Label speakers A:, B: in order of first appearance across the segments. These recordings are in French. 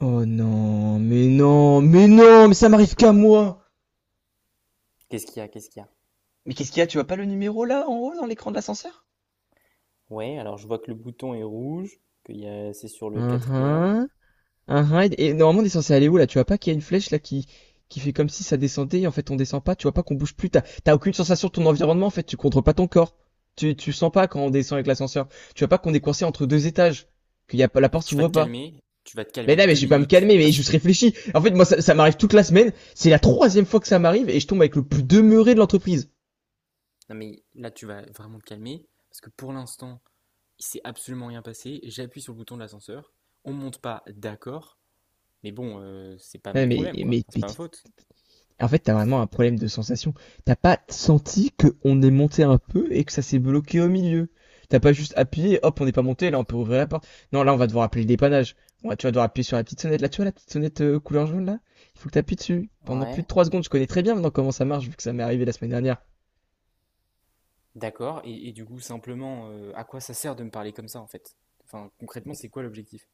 A: Oh non, mais non, mais non, mais ça m'arrive qu'à moi.
B: Qu'est-ce qu'il y a? Qu'est-ce qu'il y a?
A: Mais qu'est-ce qu'il y a? Tu vois pas le numéro là en haut dans l'écran de l'ascenseur?
B: Ouais, alors je vois que le bouton est rouge, c'est sur le quatrième.
A: Uhum, uhum, et normalement, on est censé aller où là? Tu vois pas qu'il y a une flèche là qui fait comme si ça descendait et en fait on descend pas. Tu vois pas qu'on bouge plus. T'as aucune sensation de ton environnement en fait. Tu contrôles pas ton corps. Tu sens pas quand on descend avec l'ascenseur. Tu vois pas qu'on est coincé entre 2 étages. Qu'il y a pas, la
B: Ah,
A: porte
B: tu vas
A: s'ouvre
B: te
A: pas.
B: calmer, tu vas te
A: Mais
B: calmer
A: non, mais
B: deux
A: je vais pas me
B: minutes.
A: calmer, mais je réfléchis. En fait, moi, ça m'arrive toute la semaine. C'est la troisième fois que ça m'arrive et je tombe avec le plus demeuré de l'entreprise.
B: Non mais là, tu vas vraiment te calmer. Parce que pour l'instant, il s'est absolument rien passé. J'appuie sur le bouton de l'ascenseur. On monte pas, d'accord. Mais bon, c'est pas mon
A: Ouais, mais,
B: problème, quoi.
A: mais,
B: Enfin, c'est
A: mais
B: pas
A: t-
B: ma faute.
A: en fait, t'as vraiment un problème de sensation. T'as pas senti qu'on est monté un peu et que ça s'est bloqué au milieu. T'as pas juste appuyé, hop, on n'est pas monté, là on peut ouvrir la porte. Non, là on va devoir appeler le dépannage. Tu vas devoir appuyer sur la petite sonnette. Là, tu vois la petite sonnette couleur jaune là? Il faut que t'appuies dessus. Pendant plus de
B: Ouais.
A: 3 secondes, je connais très bien maintenant comment ça marche vu que ça m'est arrivé la semaine dernière.
B: D'accord. Et du coup, simplement, à quoi ça sert de me parler comme ça, en fait? Enfin, concrètement, c'est quoi l'objectif?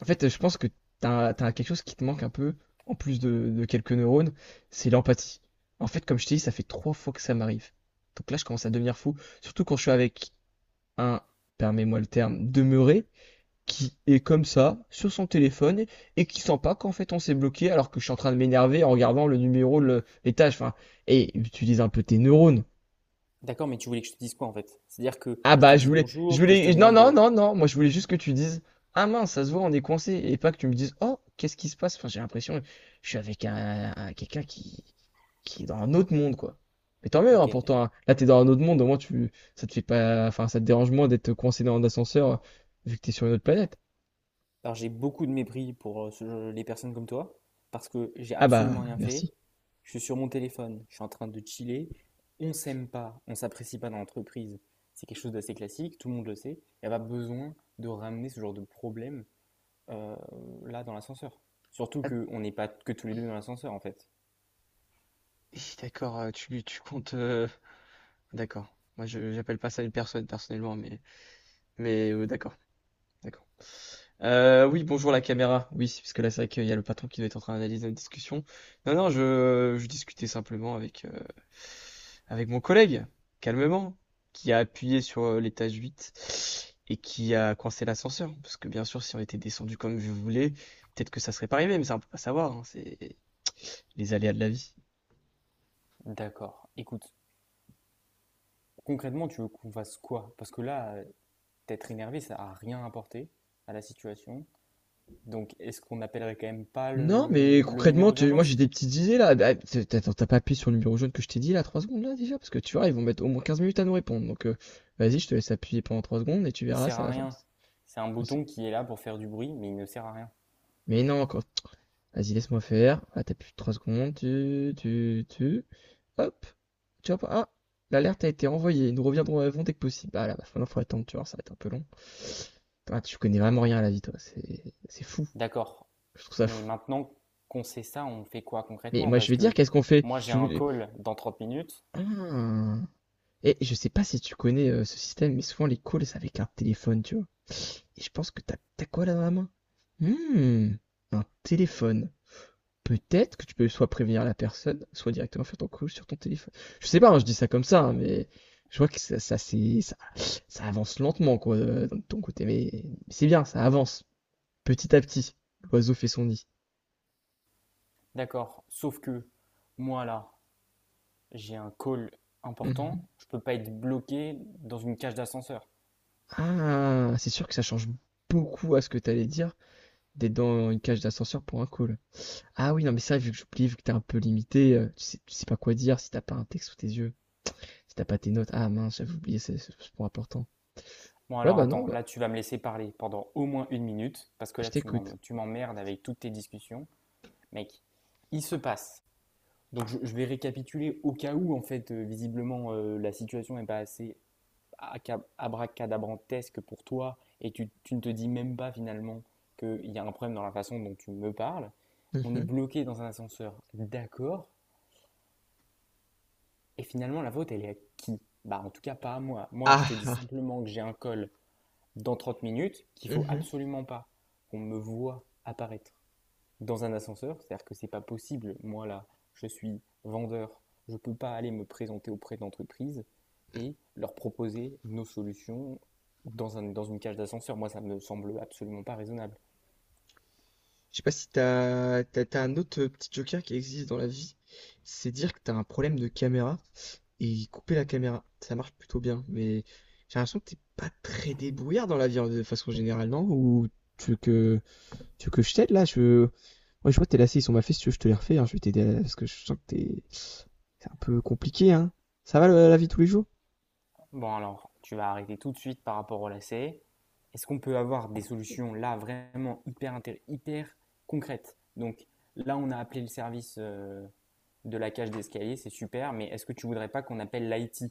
A: En fait, je pense que t'as quelque chose qui te manque un peu, en plus de quelques neurones, c'est l'empathie. En fait, comme je t'ai dit, ça fait trois fois que ça m'arrive. Donc là, je commence à devenir fou. Surtout quand je suis avec un, permets-moi le terme, demeuré, qui est comme ça, sur son téléphone, et qui sent pas qu'en fait on s'est bloqué alors que je suis en train de m'énerver en regardant le numéro, les tâches, enfin, et utilise un peu tes neurones.
B: D'accord, mais tu voulais que je te dise quoi en fait? C'est-à-dire que
A: Ah
B: je te
A: bah je
B: dise
A: voulais, je
B: bonjour, que je te
A: voulais, non non
B: demande.
A: non non, moi je voulais juste que tu dises, ah mince, ça se voit, on est coincé, et pas que tu me dises, oh, qu'est-ce qui se passe? Enfin, j'ai l'impression, je suis avec quelqu'un qui est dans un autre monde quoi. Mais tant mieux,
B: Ok,
A: hein, pourtant, hein. Là t'es dans un autre monde, au moins ça te fait pas, enfin ça te dérange moins d'être coincé dans un ascenseur vu que t'es sur une autre planète.
B: alors j'ai beaucoup de mépris pour les personnes comme toi, parce que j'ai
A: Ah
B: absolument
A: bah
B: rien fait.
A: merci.
B: Je suis sur mon téléphone, je suis en train de chiller. On s'aime pas, on s'apprécie pas dans l'entreprise. C'est quelque chose d'assez classique, tout le monde le sait. Il n'y a pas besoin de ramener ce genre de problème euh, là dans l'ascenseur. Surtout
A: Ah,
B: qu'on n'est pas que tous les deux dans l'ascenseur en fait.
A: hi, d'accord, tu comptes. D'accord. Moi, je j'appelle pas ça une personne personnellement, mais d'accord, d'accord. Oui, bonjour la caméra. Oui, parce que là, c'est vrai qu'il y a le patron qui doit être en train d'analyser notre discussion. Non, non, je discutais simplement avec mon collègue, calmement, qui a appuyé sur l'étage 8 et qui a coincé l'ascenseur. Parce que bien sûr, si on était descendu comme je voulais, peut-être que ça serait pas arrivé, mais ça, on peut pas savoir, hein, c'est les aléas de la vie.
B: D'accord. Écoute, concrètement, tu veux qu'on fasse quoi? Parce que là, t'être énervé, ça n'a rien apporté à la situation. Donc, est-ce qu'on n'appellerait quand même pas
A: Non, mais
B: le
A: concrètement,
B: numéro
A: moi j'ai
B: d'urgence?
A: des petites idées là. Ah, Attends, t'as pas appuyé sur le numéro jaune que je t'ai dit là, 3 secondes là déjà? Parce que tu vois, ils vont mettre au moins 15 minutes à nous répondre. Donc vas-y, je te laisse appuyer pendant 3 secondes et tu
B: Il
A: verras,
B: sert
A: ça
B: à
A: va faire.
B: rien. C'est un
A: quand c'est-
B: bouton qui est là pour faire du bruit, mais il ne sert à rien.
A: Mais non, vas-y, laisse-moi faire. Ah, t'appuies 3 secondes, tu, tu, tu. Hop, tu vois pas. Ah, l'alerte a été envoyée. Nous reviendrons avant dès que possible. Ah là, bah, maintenant faut attendre, tu vois, ça va être un peu long. Ah, tu connais vraiment rien à la vie, toi. C'est fou.
B: D'accord.
A: Je trouve ça
B: Mais
A: fou.
B: maintenant qu'on sait ça, on fait quoi
A: Mais
B: concrètement?
A: moi, je
B: Parce
A: vais dire,
B: que
A: qu'est-ce qu'on fait?
B: moi, j'ai
A: Tu
B: un
A: voulais.
B: call dans 30 minutes.
A: Ah. Et je sais pas si tu connais ce système, mais souvent les calls c'est avec un téléphone, tu vois. Et je pense que t'as quoi là dans la main? Hmm, un téléphone. Peut-être que tu peux soit prévenir la personne, soit directement faire ton call sur ton téléphone. Je sais pas, hein, je dis ça comme ça, hein, mais je vois que ça avance lentement, quoi, de ton côté. Mais c'est bien, ça avance. Petit à petit, l'oiseau fait son nid.
B: D'accord. Sauf que moi, là, j'ai un call important.
A: Mhm.
B: Je ne peux pas être bloqué dans une cage d'ascenseur.
A: Ah, c'est sûr que ça change beaucoup à ce que t'allais dire d'être dans une cage d'ascenseur pour un call. Ah oui, non, mais ça, vu que j'oublie, vu que t'es un peu limité, tu sais pas quoi dire si t'as pas un texte sous tes yeux, si t'as pas tes notes. Ah mince, j'avais oublié ce point important.
B: Bon,
A: Ouais,
B: alors
A: bah non,
B: attends,
A: bah,
B: là, tu vas me laisser parler pendant au moins une minute, parce que
A: je
B: là,
A: t'écoute.
B: tu m'emmerdes avec toutes tes discussions. Mec, il se passe. Donc, vais récapituler au cas où, en fait, visiblement, la situation n'est pas assez abracadabrantesque pour toi et tu ne te dis même pas finalement qu'il y a un problème dans la façon dont tu me parles. On est
A: Mhm.
B: bloqué dans un ascenseur, d'accord. Et finalement, la faute, elle est à qui? Bah, en tout cas, pas à moi. Moi, je
A: Ah,
B: te dis
A: ah,
B: simplement que j'ai un col dans 30 minutes, qu'il faut
A: mhm.
B: absolument pas qu'on me voit apparaître dans un ascenseur. C'est-à-dire que c'est pas possible. Moi, là, je suis vendeur. Je ne peux pas aller me présenter auprès d'entreprises et leur proposer nos solutions dans, un, dans une cage d'ascenseur. Moi, ça ne me semble absolument pas raisonnable.
A: Je sais pas si t'as un autre petit joker qui existe dans la vie. C'est dire que t'as un problème de caméra et couper la caméra. Ça marche plutôt bien, mais j'ai l'impression que t'es pas très débrouillard dans la vie de façon générale, non? Ou tu veux que, tu veux que je t'aide là? Ouais, je vois tes lacets, ils sont mal faits. Si tu veux, je te les refais. Hein. Je vais t'aider là, parce que je sens que c'est un peu compliqué, hein. Ça va la vie tous les jours?
B: Bon, alors, tu vas arrêter tout de suite par rapport au lacet. Est-ce qu'on peut avoir des solutions là vraiment hyper, hyper concrètes? Donc là, on a appelé le service de la cage d'escalier, c'est super, mais est-ce que tu ne voudrais pas qu'on appelle l'IT?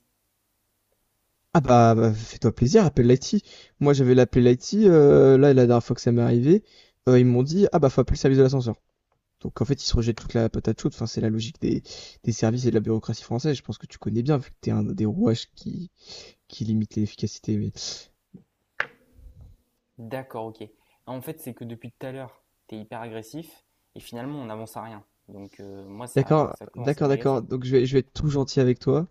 A: Ah bah, bah, fais-toi plaisir, appelle l'IT. Moi j'avais l'appel l'IT, là la dernière fois que ça m'est arrivé, ils m'ont dit ah bah faut appeler le service de l'ascenseur. Donc en fait ils se rejettent toute la patate chaude, enfin c'est la logique des services et de la bureaucratie française, je pense que tu connais bien vu que t'es un des rouages qui limite l'efficacité. Mais...
B: D'accord, OK. En fait, c'est que depuis tout à l'heure, t'es hyper agressif et finalement, on n'avance à rien. Donc, moi, ça,
A: D'accord,
B: ça commence à
A: d'accord, d'accord,
B: m'agacer.
A: donc je vais être tout gentil avec toi.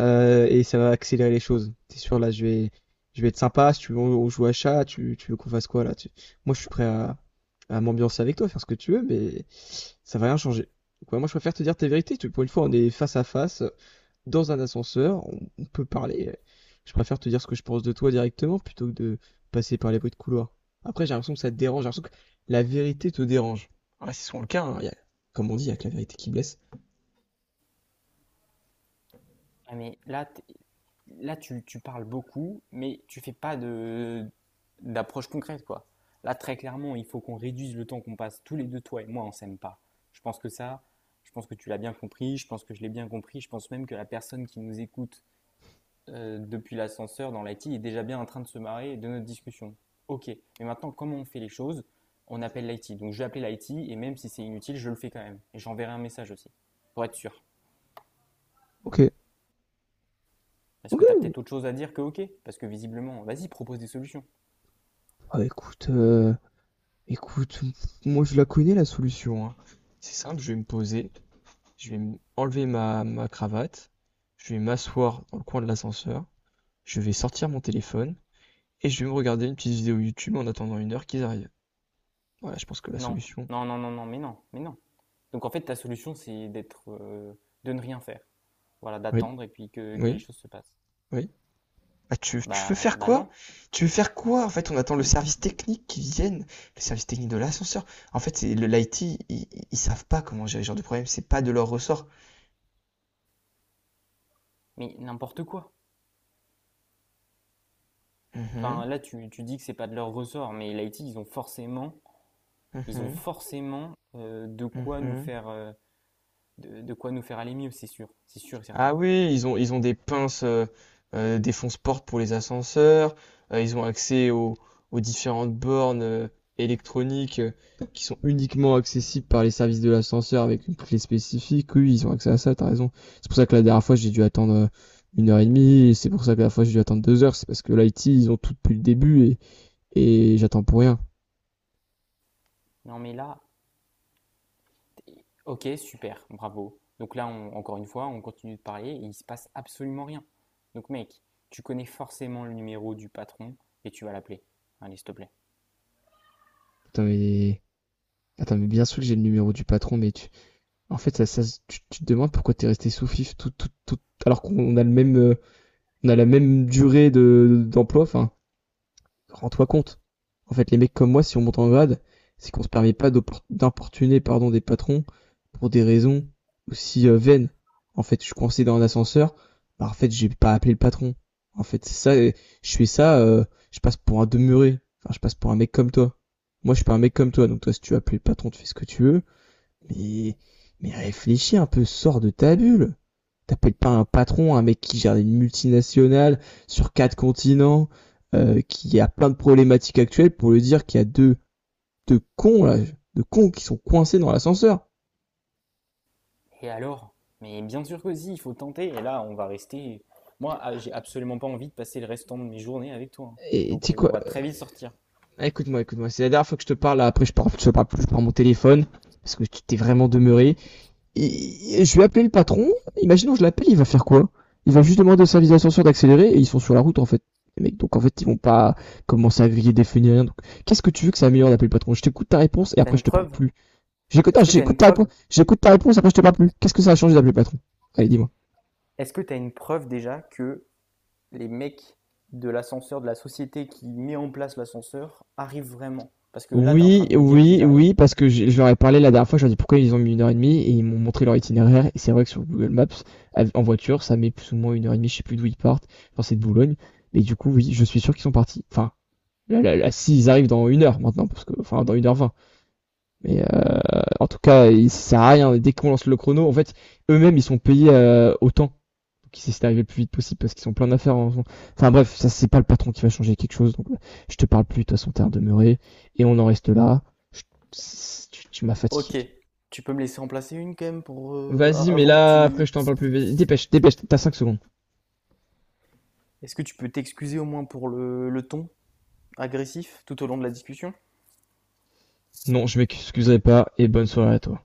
A: Et ça va accélérer les choses. T'es sûr, là, je vais être sympa. Si tu veux, on joue à chat, tu veux qu'on fasse quoi là? Moi, je suis prêt à m'ambiancer avec toi, faire ce que tu veux, mais ça va rien changer. Donc, ouais, moi, je préfère te dire tes vérités. Pour une fois, on est face à face, dans un ascenseur, on peut parler. Je préfère te dire ce que je pense de toi directement plutôt que de passer par les bruits de couloir. Après, j'ai l'impression que ça te dérange. J'ai l'impression que la vérité te dérange. Ah, c'est souvent le cas, hein. Comme on dit, il y a que la vérité qui blesse.
B: Ah, mais là, là tu parles beaucoup, mais tu fais pas d'approche concrète, quoi. Là, très clairement, il faut qu'on réduise le temps qu'on passe tous les deux, toi et moi, on s'aime pas. Je pense que ça, je pense que tu l'as bien compris, je pense que je l'ai bien compris, je pense même que la personne qui nous écoute depuis l'ascenseur dans l'IT est déjà bien en train de se marrer de notre discussion. Ok, mais maintenant, comment on fait les choses? On appelle l'IT. Donc je vais appeler l'IT et même si c'est inutile, je le fais quand même. Et j'enverrai un message aussi, pour être sûr.
A: Ok.
B: Parce
A: Ok.
B: que t'as peut-être autre chose à dire que ok? Parce que visiblement, vas-y, propose des solutions.
A: Ah, écoute. Écoute, moi je la connais la solution, hein. C'est simple, je vais me poser, je vais enlever ma cravate, je vais m'asseoir dans le coin de l'ascenseur, je vais sortir mon téléphone et je vais me regarder une petite vidéo YouTube en attendant 1 heure qu'ils arrivent. Voilà, je pense que la
B: Non,
A: solution.
B: non, non, non, non, mais non, mais non. Donc en fait, ta solution, c'est d'être, de ne rien faire. Voilà,
A: Oui,
B: d'attendre et puis que les
A: oui,
B: choses se passent.
A: oui. Ah, tu veux
B: Bah,
A: faire
B: bah
A: quoi?
B: non,
A: Tu veux faire quoi? En fait, on attend le service technique qui vienne, le service technique de l'ascenseur. En fait, c'est le l'IT, ils savent pas comment gérer ce genre de problème, c'est pas de leur ressort.
B: mais n'importe quoi.
A: Mhm,
B: Enfin, là, tu dis que c'est pas de leur ressort, mais l'IT, ils ont
A: mhm,
B: forcément de quoi nous
A: mhm.
B: faire de quoi nous faire aller mieux, c'est sûr et certain.
A: Ah oui, ils ont des pinces, des fonce-portes pour les ascenseurs, ils ont accès aux différentes bornes électroniques qui sont uniquement accessibles par les services de l'ascenseur avec une clé spécifique. Oui, ils ont accès à ça, t'as raison. C'est pour ça que la dernière fois, j'ai dû attendre 1 h 30, et c'est pour ça que la dernière fois, j'ai dû attendre 2 heures, c'est parce que l'IT, ils ont tout depuis le début, et j'attends pour rien.
B: Non mais là, ok, super, bravo. Donc là, encore une fois, on continue de parler et il se passe absolument rien. Donc mec, tu connais forcément le numéro du patron et tu vas l'appeler. Allez, s'il te plaît.
A: Putain, Attends, mais bien sûr que j'ai le numéro du patron. En fait, ça, tu te demandes pourquoi t'es resté sous FIF tout, tout, tout, alors qu'on a la même durée de d'emploi. Enfin, rends-toi compte. En fait, les mecs comme moi, si on monte en grade, c'est qu'on se permet pas d'importuner pardon des patrons pour des raisons aussi vaines. En fait, je suis coincé dans un ascenseur. Bah, en fait, j'ai pas appelé le patron. En fait, c'est ça. Je fais ça. Je passe pour un demeuré. Enfin, je passe pour un mec comme toi. Moi, je suis pas un mec comme toi. Donc toi, si tu appelles le patron, tu fais ce que tu veux. Mais mais réfléchis un peu. Sors de ta bulle t'appelles pas un patron, un mec qui gère une multinationale sur quatre continents, qui a plein de problématiques actuelles pour lui dire qu'il y a deux cons, là, deux cons qui sont coincés dans l'ascenseur.
B: Et alors? Mais bien sûr que si, il faut tenter. Et là, on va rester. Moi, ah, j'ai absolument pas envie de passer le restant de mes journées avec toi, hein.
A: Et tu
B: Donc
A: sais
B: on
A: quoi
B: va très vite sortir.
A: Écoute-moi, écoute-moi, c'est la dernière fois que je te parle, là, après je parle plus par mon téléphone, parce que tu t'es vraiment demeuré. Je vais appeler le patron. Imaginons, je l'appelle, il va faire quoi? Il va juste demander au service d'ascenseur d'accélérer et ils sont sur la route en fait. Les mecs, donc en fait, ils vont pas commencer à griller des feux ni rien. Donc, qu'est-ce que tu veux que ça améliore d'appeler le patron? Je t'écoute ta réponse et
B: T'as
A: après je
B: une
A: te parle
B: preuve?
A: plus. J'écoute, ah,
B: Est-ce que t'as une
A: j'écoute ta réponse,
B: preuve?
A: j'écoute ta réponse, après je te parle plus. Qu'est-ce que ça a changé d'appeler le patron? Allez, dis-moi.
B: Est-ce que t'as une preuve déjà que les mecs de l'ascenseur, de la société qui met en place l'ascenseur, arrivent vraiment? Parce que là, t'es en train
A: Oui,
B: de me dire qu'ils
A: oui,
B: arrivent.
A: oui, parce que je leur ai parlé la dernière fois, je leur ai dit pourquoi ils ont mis 1 h 30 et ils m'ont montré leur itinéraire. Et c'est vrai que sur Google Maps, en voiture, ça met plus ou moins 1 h 30, je sais plus d'où ils partent. Enfin, c'est de Boulogne. Mais du coup, oui, je suis sûr qu'ils sont partis. Enfin, Là, là, là, s'ils arrivent dans 1 heure maintenant, parce que, enfin, dans 1 h 20. Mais en tout cas, il ça sert à rien. Dès qu'on lance le chrono, en fait, eux-mêmes, ils sont payés autant. Donc, ils essaient d'arriver le plus vite possible parce qu'ils sont plein d'affaires. Enfin, bref, ça, c'est pas le patron qui va changer quelque chose. Donc, je te parle plus. De toute façon, t'es demeuré. Et on en reste là. Je- tu m'as fatigué.
B: Ok, tu peux me laisser en placer une quand même pour
A: Vas-y, mais
B: avant que
A: là, après,
B: tu.
A: je t'en parle plus. Vas-y, dépêche, dépêche. T'as 5 secondes.
B: Est-ce que tu peux t'excuser au moins pour le ton agressif tout au long de la discussion?
A: Non, je m'excuserai pas. Et bonne soirée à toi.